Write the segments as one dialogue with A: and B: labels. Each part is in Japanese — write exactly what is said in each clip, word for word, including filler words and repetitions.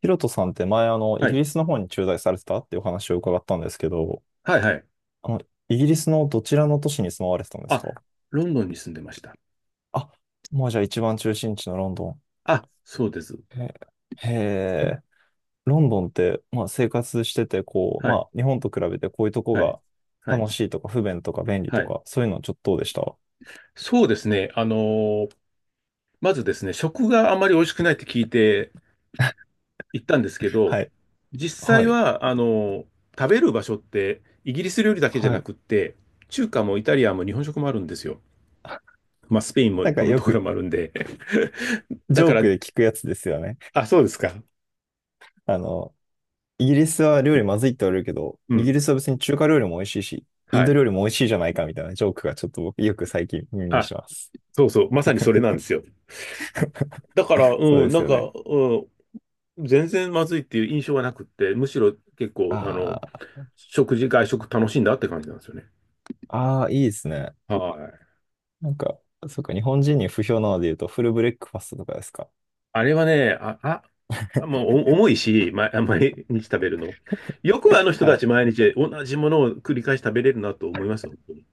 A: ヒロトさんって前、あの、イ
B: は
A: ギ
B: い。
A: リスの方に駐在されてたっていうお話を伺ったんですけど、
B: はいはい。
A: あの、イギリスのどちらの都市に住まわれてたんです
B: あ、
A: か？
B: ロンドンに住んでました。
A: あ、まあじゃあ一番中心地のロンドン。
B: あ、そうです。
A: へへえ、ロンドンって、まあ生活してて、こう、
B: は
A: ま
B: い。
A: あ日本と比べてこういうとこ
B: はい。
A: が
B: は
A: 楽
B: い。
A: しいとか不便とか便利
B: は
A: と
B: い。
A: か、そういうのちょっとどうでした？
B: そうですね。あのーまずですね、食があまり美味しくないって聞いて行ったんですけど、
A: はい。
B: 実
A: は
B: 際
A: い。
B: は、あのー食べる場所って、イギリス料理だけじゃ
A: は
B: な
A: い。
B: くって、中華もイタリアンも日本食もあるんですよ。まあ、スペインも
A: なん
B: ポ
A: か
B: ル
A: よ
B: トガル
A: く
B: もあるんで。
A: ジ
B: だ
A: ョ
B: か
A: ーク
B: ら、
A: で聞くやつですよね。
B: あ、そうですか。
A: あの、イギリスは料理まずいって言われるけど、
B: う
A: イギ
B: ん。
A: リスは別に中華料理も美味しいし、イン
B: は
A: ド
B: い。
A: 料理も美味しいじゃないかみたいなジョークがちょっと僕よく最近耳に
B: あ、
A: します。
B: そうそう。まさにそれなんですよ。だから、
A: そう
B: うん、
A: で
B: な
A: す
B: ん
A: よね。
B: か、うん、全然まずいっていう印象はなくって、むしろ結
A: あ
B: 構、あの、
A: ー
B: 食事、外食楽しんだって感じなんですよね。
A: あー、いいですね。
B: はい。
A: なんか、そうか、日本人に不評なので言うとフルブレックファストとかですか。
B: あれはね、あ、あ、もうお重いし、ま、毎日食べるの。よくあの人
A: は
B: た
A: い。
B: ち毎日同じものを繰り返し食べれるなと思いますよ。本当に。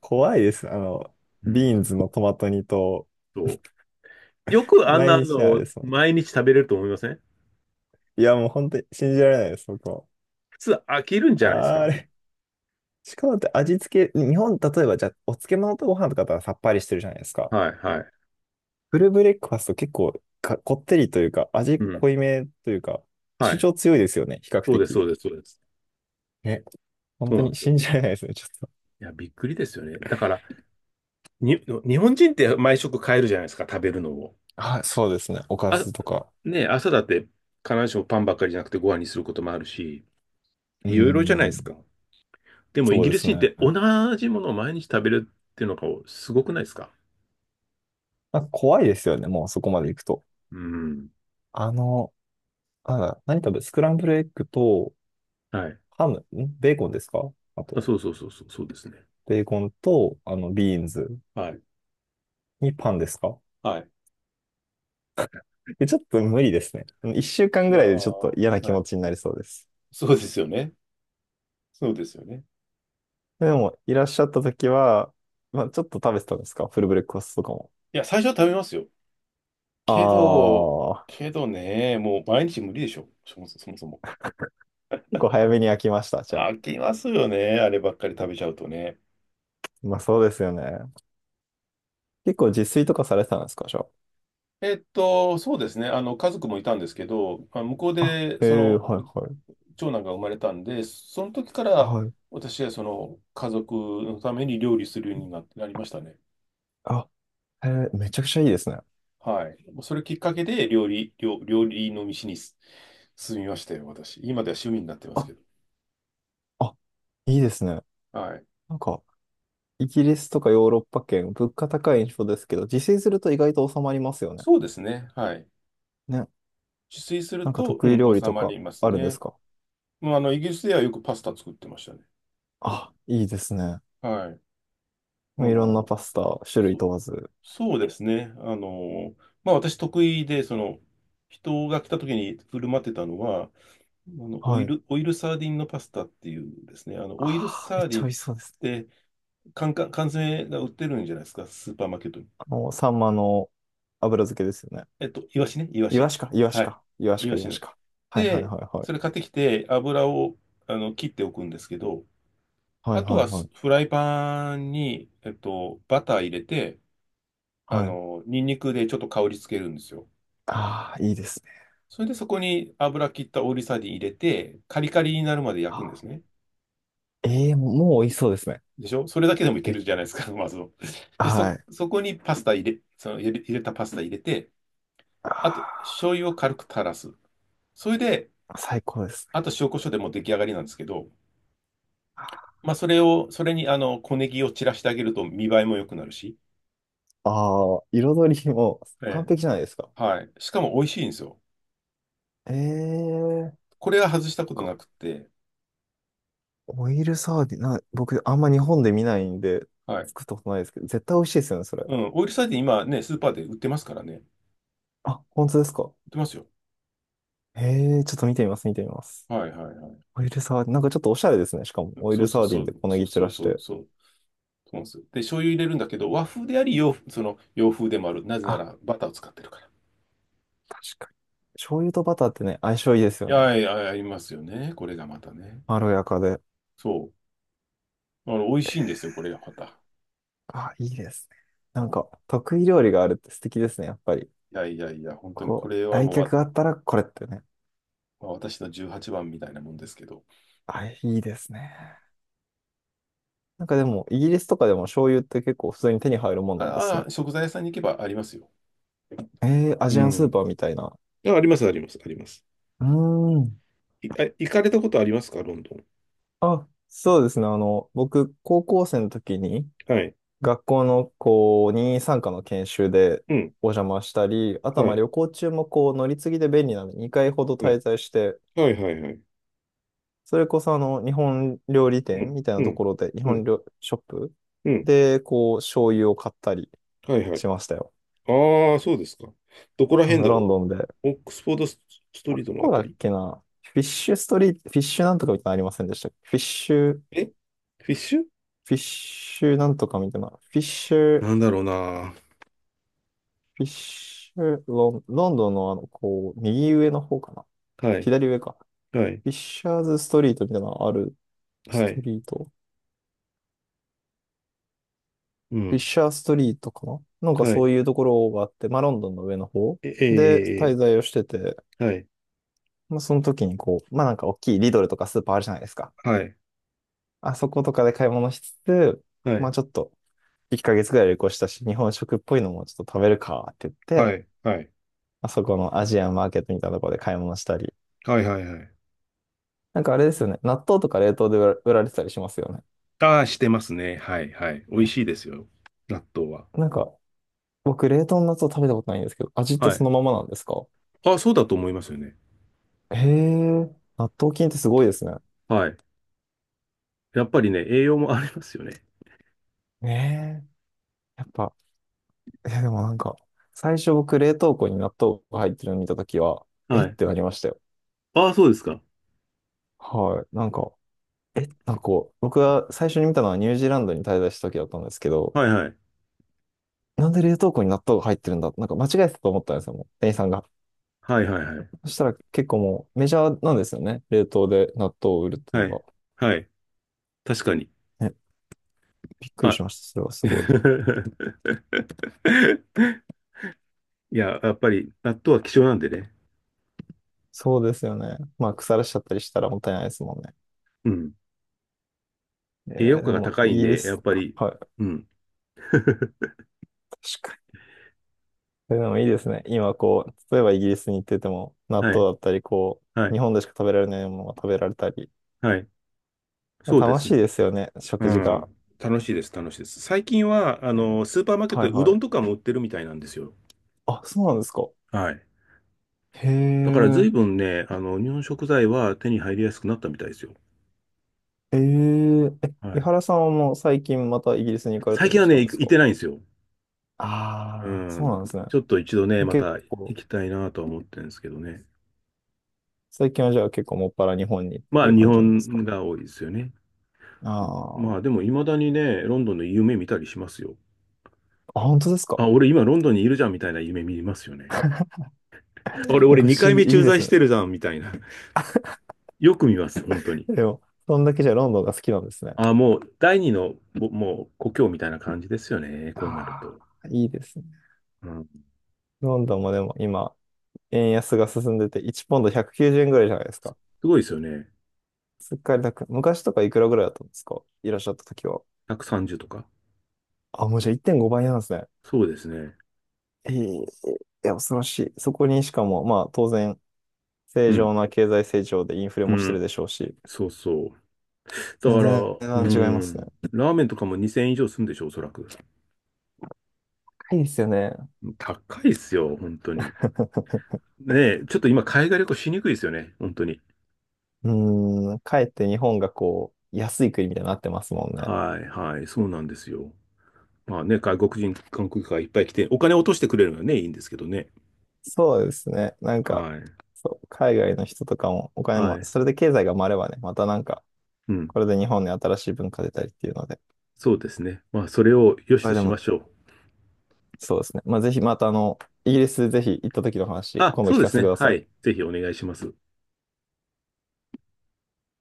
A: 怖いです。あの、
B: うん。
A: ビーンズのトマト煮と、
B: そう。よくあん
A: 毎
B: な
A: 日ね、あれ
B: の
A: ですもんね。
B: 毎日食べれると思いません？
A: いや、もう本当に信じられないです、僕も。
B: 普通飽きるんじゃないです
A: あーあ
B: か？
A: れ。しかもだって味付け、日本、例えばじゃあ、お漬物とご飯とかだったらさっぱりしてるじゃないですか。
B: はい、はい。
A: フルブレックファスト結構かこってりというか、
B: う
A: 味
B: ん。
A: 濃いめというか、
B: は
A: 主
B: い。
A: 張強いですよね、比較
B: そうです、
A: 的。
B: そうです、そうです。
A: ね、本
B: そう
A: 当
B: なんで
A: に
B: すよ。
A: 信じられないですね、ちょっと。
B: いや、びっくりですよね。だから、に、日本人って毎食変えるじゃないですか、食べるのを。
A: はい、そうですね。おか
B: あ、
A: ずとか。
B: ねえ、朝だって必ずしもパンばっかりじゃなくてご飯にすることもあるし、
A: うー
B: いろいろじゃないで
A: ん、
B: すか。でもイ
A: そう
B: ギ
A: で
B: リス
A: すね。
B: 人っ
A: なん
B: て同
A: か
B: じものを毎日食べるっていうのがすごくないですか？
A: 怖いですよね、もうそこまで行くと。
B: うん。
A: あの、なんだ、何食べ、スクランブルエッグと、
B: はい。
A: ハム、んベーコンですかあと、
B: あ、そうそうそうそう、そうですね。
A: ベーコンと、あの、ビーンズ
B: はい。
A: にパンですか？
B: はい。
A: え、ちょっと無理ですね。いっしゅうかん
B: い
A: ぐ
B: や
A: らいでちょっと
B: ー、
A: 嫌な気
B: は
A: 持
B: い。
A: ちになりそうです。
B: そうですよね。そうですよね。
A: でも、いらっしゃった時は、まあ、ちょっと食べてたんですかフルブレックファストとかも。
B: いや、最初は食べますよ。
A: あ
B: けど、
A: あ、
B: けどね、もう毎日無理でしょ。そもそもそもそも。
A: 結構早めに飽きました、じゃあ。
B: 飽きますよね。あればっかり食べちゃうとね。
A: まあ、そうですよね。結構自炊とかされてたんですかじゃ
B: えっと、そうですね。あの、家族もいたんですけど、まあ向こう
A: あ。あ、
B: で、
A: へ
B: そ
A: え、は
B: の、
A: いはい。
B: 長男が生まれたんで、その時から、
A: はい。
B: 私はその、家族のために料理するようにな、なりましたね。
A: あ、へえ、めちゃくちゃいいですね。
B: はい。それきっかけで、料理、料、料理の道にす進みましたよ、私。今では趣味になってます
A: あ、
B: けど。
A: あ、いいですね。
B: はい。
A: なんか、イギリスとかヨーロッパ圏、物価高い印象ですけど、自炊すると意外と収まりますよね。
B: そうですね。はい。
A: ね。
B: 自炊する
A: なんか
B: と、う
A: 得意料
B: ん、
A: 理
B: 収
A: と
B: ま
A: か
B: ります
A: あるんです
B: ね。
A: か？
B: もう、あの、イギリスではよくパスタ作ってましたね。
A: あ、いいですね。
B: はい。あ
A: まあいろんな
B: の、
A: パスタ、種類
B: そ
A: 問わず。
B: そうですね。あの、まあ私得意で、その、人が来た時に振る舞ってたのは、あの、オ
A: は
B: イ
A: い。
B: ル、オイルサーディンのパスタっていうですね、あの、オイル
A: ああ、め
B: サ
A: っ
B: ーデ
A: ちゃ
B: ィ
A: 美
B: ンっ
A: 味しそうですね。
B: て缶、缶缶詰が売ってるんじゃないですか、スーパーマーケットに。
A: あの、サンマの油漬けですよね。
B: えっと、イワシね、イワ
A: イワ
B: シ。
A: シか、イワシ
B: はい。
A: か、イワシ
B: イワ
A: か、イ
B: シ
A: ワ
B: の。
A: シか。はいはい
B: で、
A: はいは
B: それ
A: い。
B: 買ってきて、油を、あの、切っておくんですけど、
A: はい
B: あと
A: はい
B: は
A: は
B: ス
A: い。
B: フライパンに、えっと、バター入れて、あ
A: はい。
B: の、ニンニクでちょっと香りつけるんですよ。
A: ああ、いいですね。
B: それでそこに油切ったオーリーサーディン入れて、カリカリになるまで焼くんで
A: あ
B: すね。
A: ー、ええもう、もう美味しそうですね。
B: でしょ？それだけでもいけ
A: で、
B: るじゃないですか、まずは。で、そ、
A: はい。
B: そこにパスタ入れ、その入れ、入れたパスタ入れて、あと、
A: あ
B: 醤油を軽く垂らす。それで、
A: ー最高ですね。
B: あと塩コショウでもう出来上がりなんですけど、まあ、それを、それにあの、小ネギを散らしてあげると見栄えも良くなるし、
A: ああ、彩りも
B: え
A: 完
B: え、
A: 璧じゃないですか。
B: はい。しかも美味しいんですよ。
A: ええなん
B: これは外したこと
A: か、
B: なくって、
A: オイルサーディン、な、僕、あんま日本で見ないんで、
B: はい。
A: 作ったことないですけど、絶対美味しいですよね、それ。
B: うん、オイルサーディン今ね、スーパーで売ってますからね。売
A: あ、本当ですか。
B: ってますよ。
A: ええちょっと見てみます、見てみます。
B: はいはい。
A: オイルサーディン、なんかちょっとおしゃれですね。しかも、オイ
B: そ
A: ル
B: うそう
A: サーデ
B: そ
A: ィンで
B: う、
A: 小ネ
B: そう
A: ギ散
B: そう
A: らし
B: そう、
A: て。
B: そう、そうなんですよ。で、醤油入れるんだけど、和風であり洋、その洋風でもある。なぜな
A: あ、
B: らバターを使ってるから。
A: 確かに。醤油とバターってね、相性いいです
B: い
A: よね。
B: やいや、ありますよね。これがまたね。
A: まろやかで。
B: そう。あの、美味しいんですよ、これがまた。
A: あ、いいですね。な
B: う
A: ん
B: ん、い
A: か、得意料理があるって素敵ですね、やっぱり。
B: やいやいや、本当にこ
A: こう、
B: れは
A: 来
B: もうわ、
A: 客があったらこれってね。
B: まあ私のおはこみたいなもんですけど。
A: あ、いいですね。なんかでも、イギリスとかでも醤油って結構普通に手に入るもんなんです
B: あ
A: ね。
B: あ、食材屋さんに行けばありますよ。
A: えー、ア
B: う
A: ジアンスー
B: ん。
A: パーみたいな。
B: あ、あります、あります、あります。
A: うーん。
B: い、あ、行かれたことありますか、ロンドン？
A: あ、そうですね。あの、僕、高校生の時に、
B: はい。
A: 学校のこう任意参加の研修で
B: うん。
A: お邪魔したり、あとは
B: は
A: まあ
B: い。
A: 旅行中もこう乗り継ぎで便利なのでにかいほど
B: は
A: 滞
B: い。
A: 在して、
B: はい、はい、はい。
A: それこそあの日本料理
B: う
A: 店
B: ん。
A: みたいな
B: う
A: と
B: ん。
A: ころで、日
B: う
A: 本
B: ん。
A: 料ショップ
B: うん。
A: でこう醤油を買ったり
B: はい、はい。
A: しましたよ。
B: ああ、そうですか。どこら
A: あ
B: 辺
A: の
B: だろ
A: ロンドンで。
B: う。オックスフォードススト
A: ど
B: リートのあ
A: こだ
B: た
A: っ
B: り。
A: けなフィッシュストリート、フィッシュなんとかみたいなのありませんでしたっけフィッシュ、フ
B: えフィッシュ
A: ィッシュなんとかみたいな。フィッシュ、フ
B: なんだろうな。
A: ィッシュ、ロン、ロンドンのあの、こう、右上の方かな
B: はい。
A: 左上か。
B: はい。
A: フィッシャーズストリートみたいなのあるス
B: は
A: ト
B: い。
A: リート
B: う
A: フィッ
B: ん。
A: シャーストリートかななんか
B: は
A: そ
B: い。
A: ういうところがあって、まあロンドンの上の方
B: え、
A: で
B: え
A: 滞在をしてて、
B: ーえー、えーはい。
A: まあその時にこう、まあなんか大きいリドルとかスーパーあるじゃないですか。
B: はい。
A: あそことかで買い物しつつ、
B: は
A: ま
B: い。
A: あちょっといっかげつぐらい旅行したし、日本食っぽいのもちょっと食べるかって言っ
B: は
A: て、
B: い。はい。はい。
A: まあそこのアジアンマーケットみたいなところで買い物したり。
B: はい。はい。
A: なんかあれですよね。納豆とか冷凍で売ら売られてたりしますよ
B: ああ、してますね。はい。はい。美味
A: ね。
B: しいですよ。納豆は。
A: えなんか僕冷凍の納豆食べたことないんですけど、味って
B: はい。
A: そのままなんですか？
B: ああ、そうだと思いますよね。
A: へえ、納豆菌ってすごいですね。
B: はい。やっぱりね、栄養もありますよね。
A: ねえ、やっぱ、いやでもなんか、最初僕冷凍庫に納豆が入ってるの見たときは、え
B: は
A: っ
B: い。
A: てなりましたよ。
B: ああ、そうですか。
A: はい。なんか、え、なんかこう、僕が最初に見たのはニュージーランドに滞在した時だったんですけど、
B: はいはい。
A: なんで冷凍庫に納豆が入ってるんだなんか間違えてたと思ったんですよ、もう、店員さんが。
B: はいはいはい。
A: そしたら結構もうメジャーなんですよね。冷凍で納豆を売るって
B: は
A: のが。
B: い。はい。確かに。
A: ね、びっくりし
B: は
A: ました。それはすごい。
B: い。いや、やっぱり、納豆は希少なんでね。
A: そうですよね。まあ、腐らしちゃったりしたらもったいないですもんね。
B: うん。
A: え
B: 栄養
A: ーで
B: 価が
A: も、
B: 高
A: イ
B: いん
A: ギリ
B: で、や
A: ス、
B: っぱり、
A: はい、
B: うん。
A: 確かに。でもいいですね。今、こう、例えばイギリスに行ってても、納
B: は
A: 豆
B: い、
A: だったり、こ
B: は
A: う、日
B: い、
A: 本でしか食べられないものが食べられたり。
B: はい。そうで
A: 楽
B: す
A: しい
B: ね。
A: ですよね、
B: う
A: 食事が。
B: ん。楽しいです、楽しいです。最近は、あ
A: えー
B: の、スーパーマーケット
A: はい
B: でうど
A: は
B: ん
A: い。
B: とかも売ってるみたいなんですよ。
A: あ、そうなんですか。
B: はい。
A: へ
B: だから随
A: え、
B: 分ね、あの、日本食材は手に入りやすくなったみたいですよ。
A: えー、え、
B: は
A: 井
B: い。
A: 原さんはもう最近またイギリスに行かれた
B: 最
A: り
B: 近
A: も
B: は
A: した
B: ね、
A: んで
B: 行
A: す
B: 行っ
A: か？
B: てないんですよ。う
A: ああー、そう
B: ん。
A: なんですね。
B: ちょっと一度ね、ま
A: 結
B: た行
A: 構、
B: きたいなとは思ってるんですけどね。
A: 最近はじゃあ結構もっぱら日本にっ
B: ま
A: てい
B: あ、
A: う
B: 日
A: 感じなんですか？
B: 本が多いですよね。
A: あ
B: ま
A: あー、
B: あでも未だにね、ロンドンの夢見たりしますよ。
A: あ、本当ですか。
B: あ、俺今ロンドンにいるじゃんみたいな夢見ますよね。俺、
A: なん
B: 俺
A: か不
B: 2
A: 思
B: 回
A: 議、
B: 目
A: いい
B: 駐
A: で
B: 在
A: す
B: し
A: ね。
B: てるじゃんみたいな。よく見ます、本当に。
A: でも、そんだけじゃロンドンが好きなんですね。
B: あ、もう第二の、ぼもう故郷みたいな感じですよね。こうなる
A: あ
B: と。
A: あ、いいですね。
B: うん。
A: ロンドンもでも今、円安が進んでて、いちポンドひゃくきゅうじゅうえんぐらいじゃないですか。
B: すごいですよね。
A: すっかりなく昔とかいくらぐらいだったんですかいらっしゃった時は。
B: ひゃくさんじゅうとか。
A: あ、もうじゃあいってんごばいなんですね。
B: そうですね。
A: ええいや、恐ろしい。そこにしかも、まあ当然、
B: う
A: 正
B: ん。
A: 常な経済成長でインフレ
B: う
A: もして
B: ん。
A: るでしょうし、
B: そうそう。だ
A: 全
B: から、
A: 然
B: う
A: 値段違いますね。
B: ん。ラーメンとかもにせんえん以上するんでしょ、おそらく。
A: 高いですよね。
B: 高いっすよ、本当に。ねえ、ちょっと今海外旅行しにくいですよね、本当に。
A: うーん、かえって日本がこう、安い国みたいになってますもんね。
B: はいはい、そうなんですよ。まあね、外国人観光客がいっぱい来て、お金を落としてくれるのはね、いいんですけどね。
A: そうですね。なんか、
B: はい。
A: そう、海外の人とかもお金
B: は
A: も、
B: い。
A: それで経済が回ればね、またなんか、
B: うん。
A: これで日本に新しい文化出たりっていうので、
B: そうですね。まあ、それを良し
A: こ
B: と
A: れで
B: しま
A: も、
B: しょう。
A: そうですね。まあ、ぜひまたあの、イギリスぜひ行った時の話、
B: あ、
A: 今度
B: そう
A: 聞
B: で
A: か
B: す
A: せてく
B: ね。
A: ださ
B: は
A: い。
B: い。ぜひお願いします。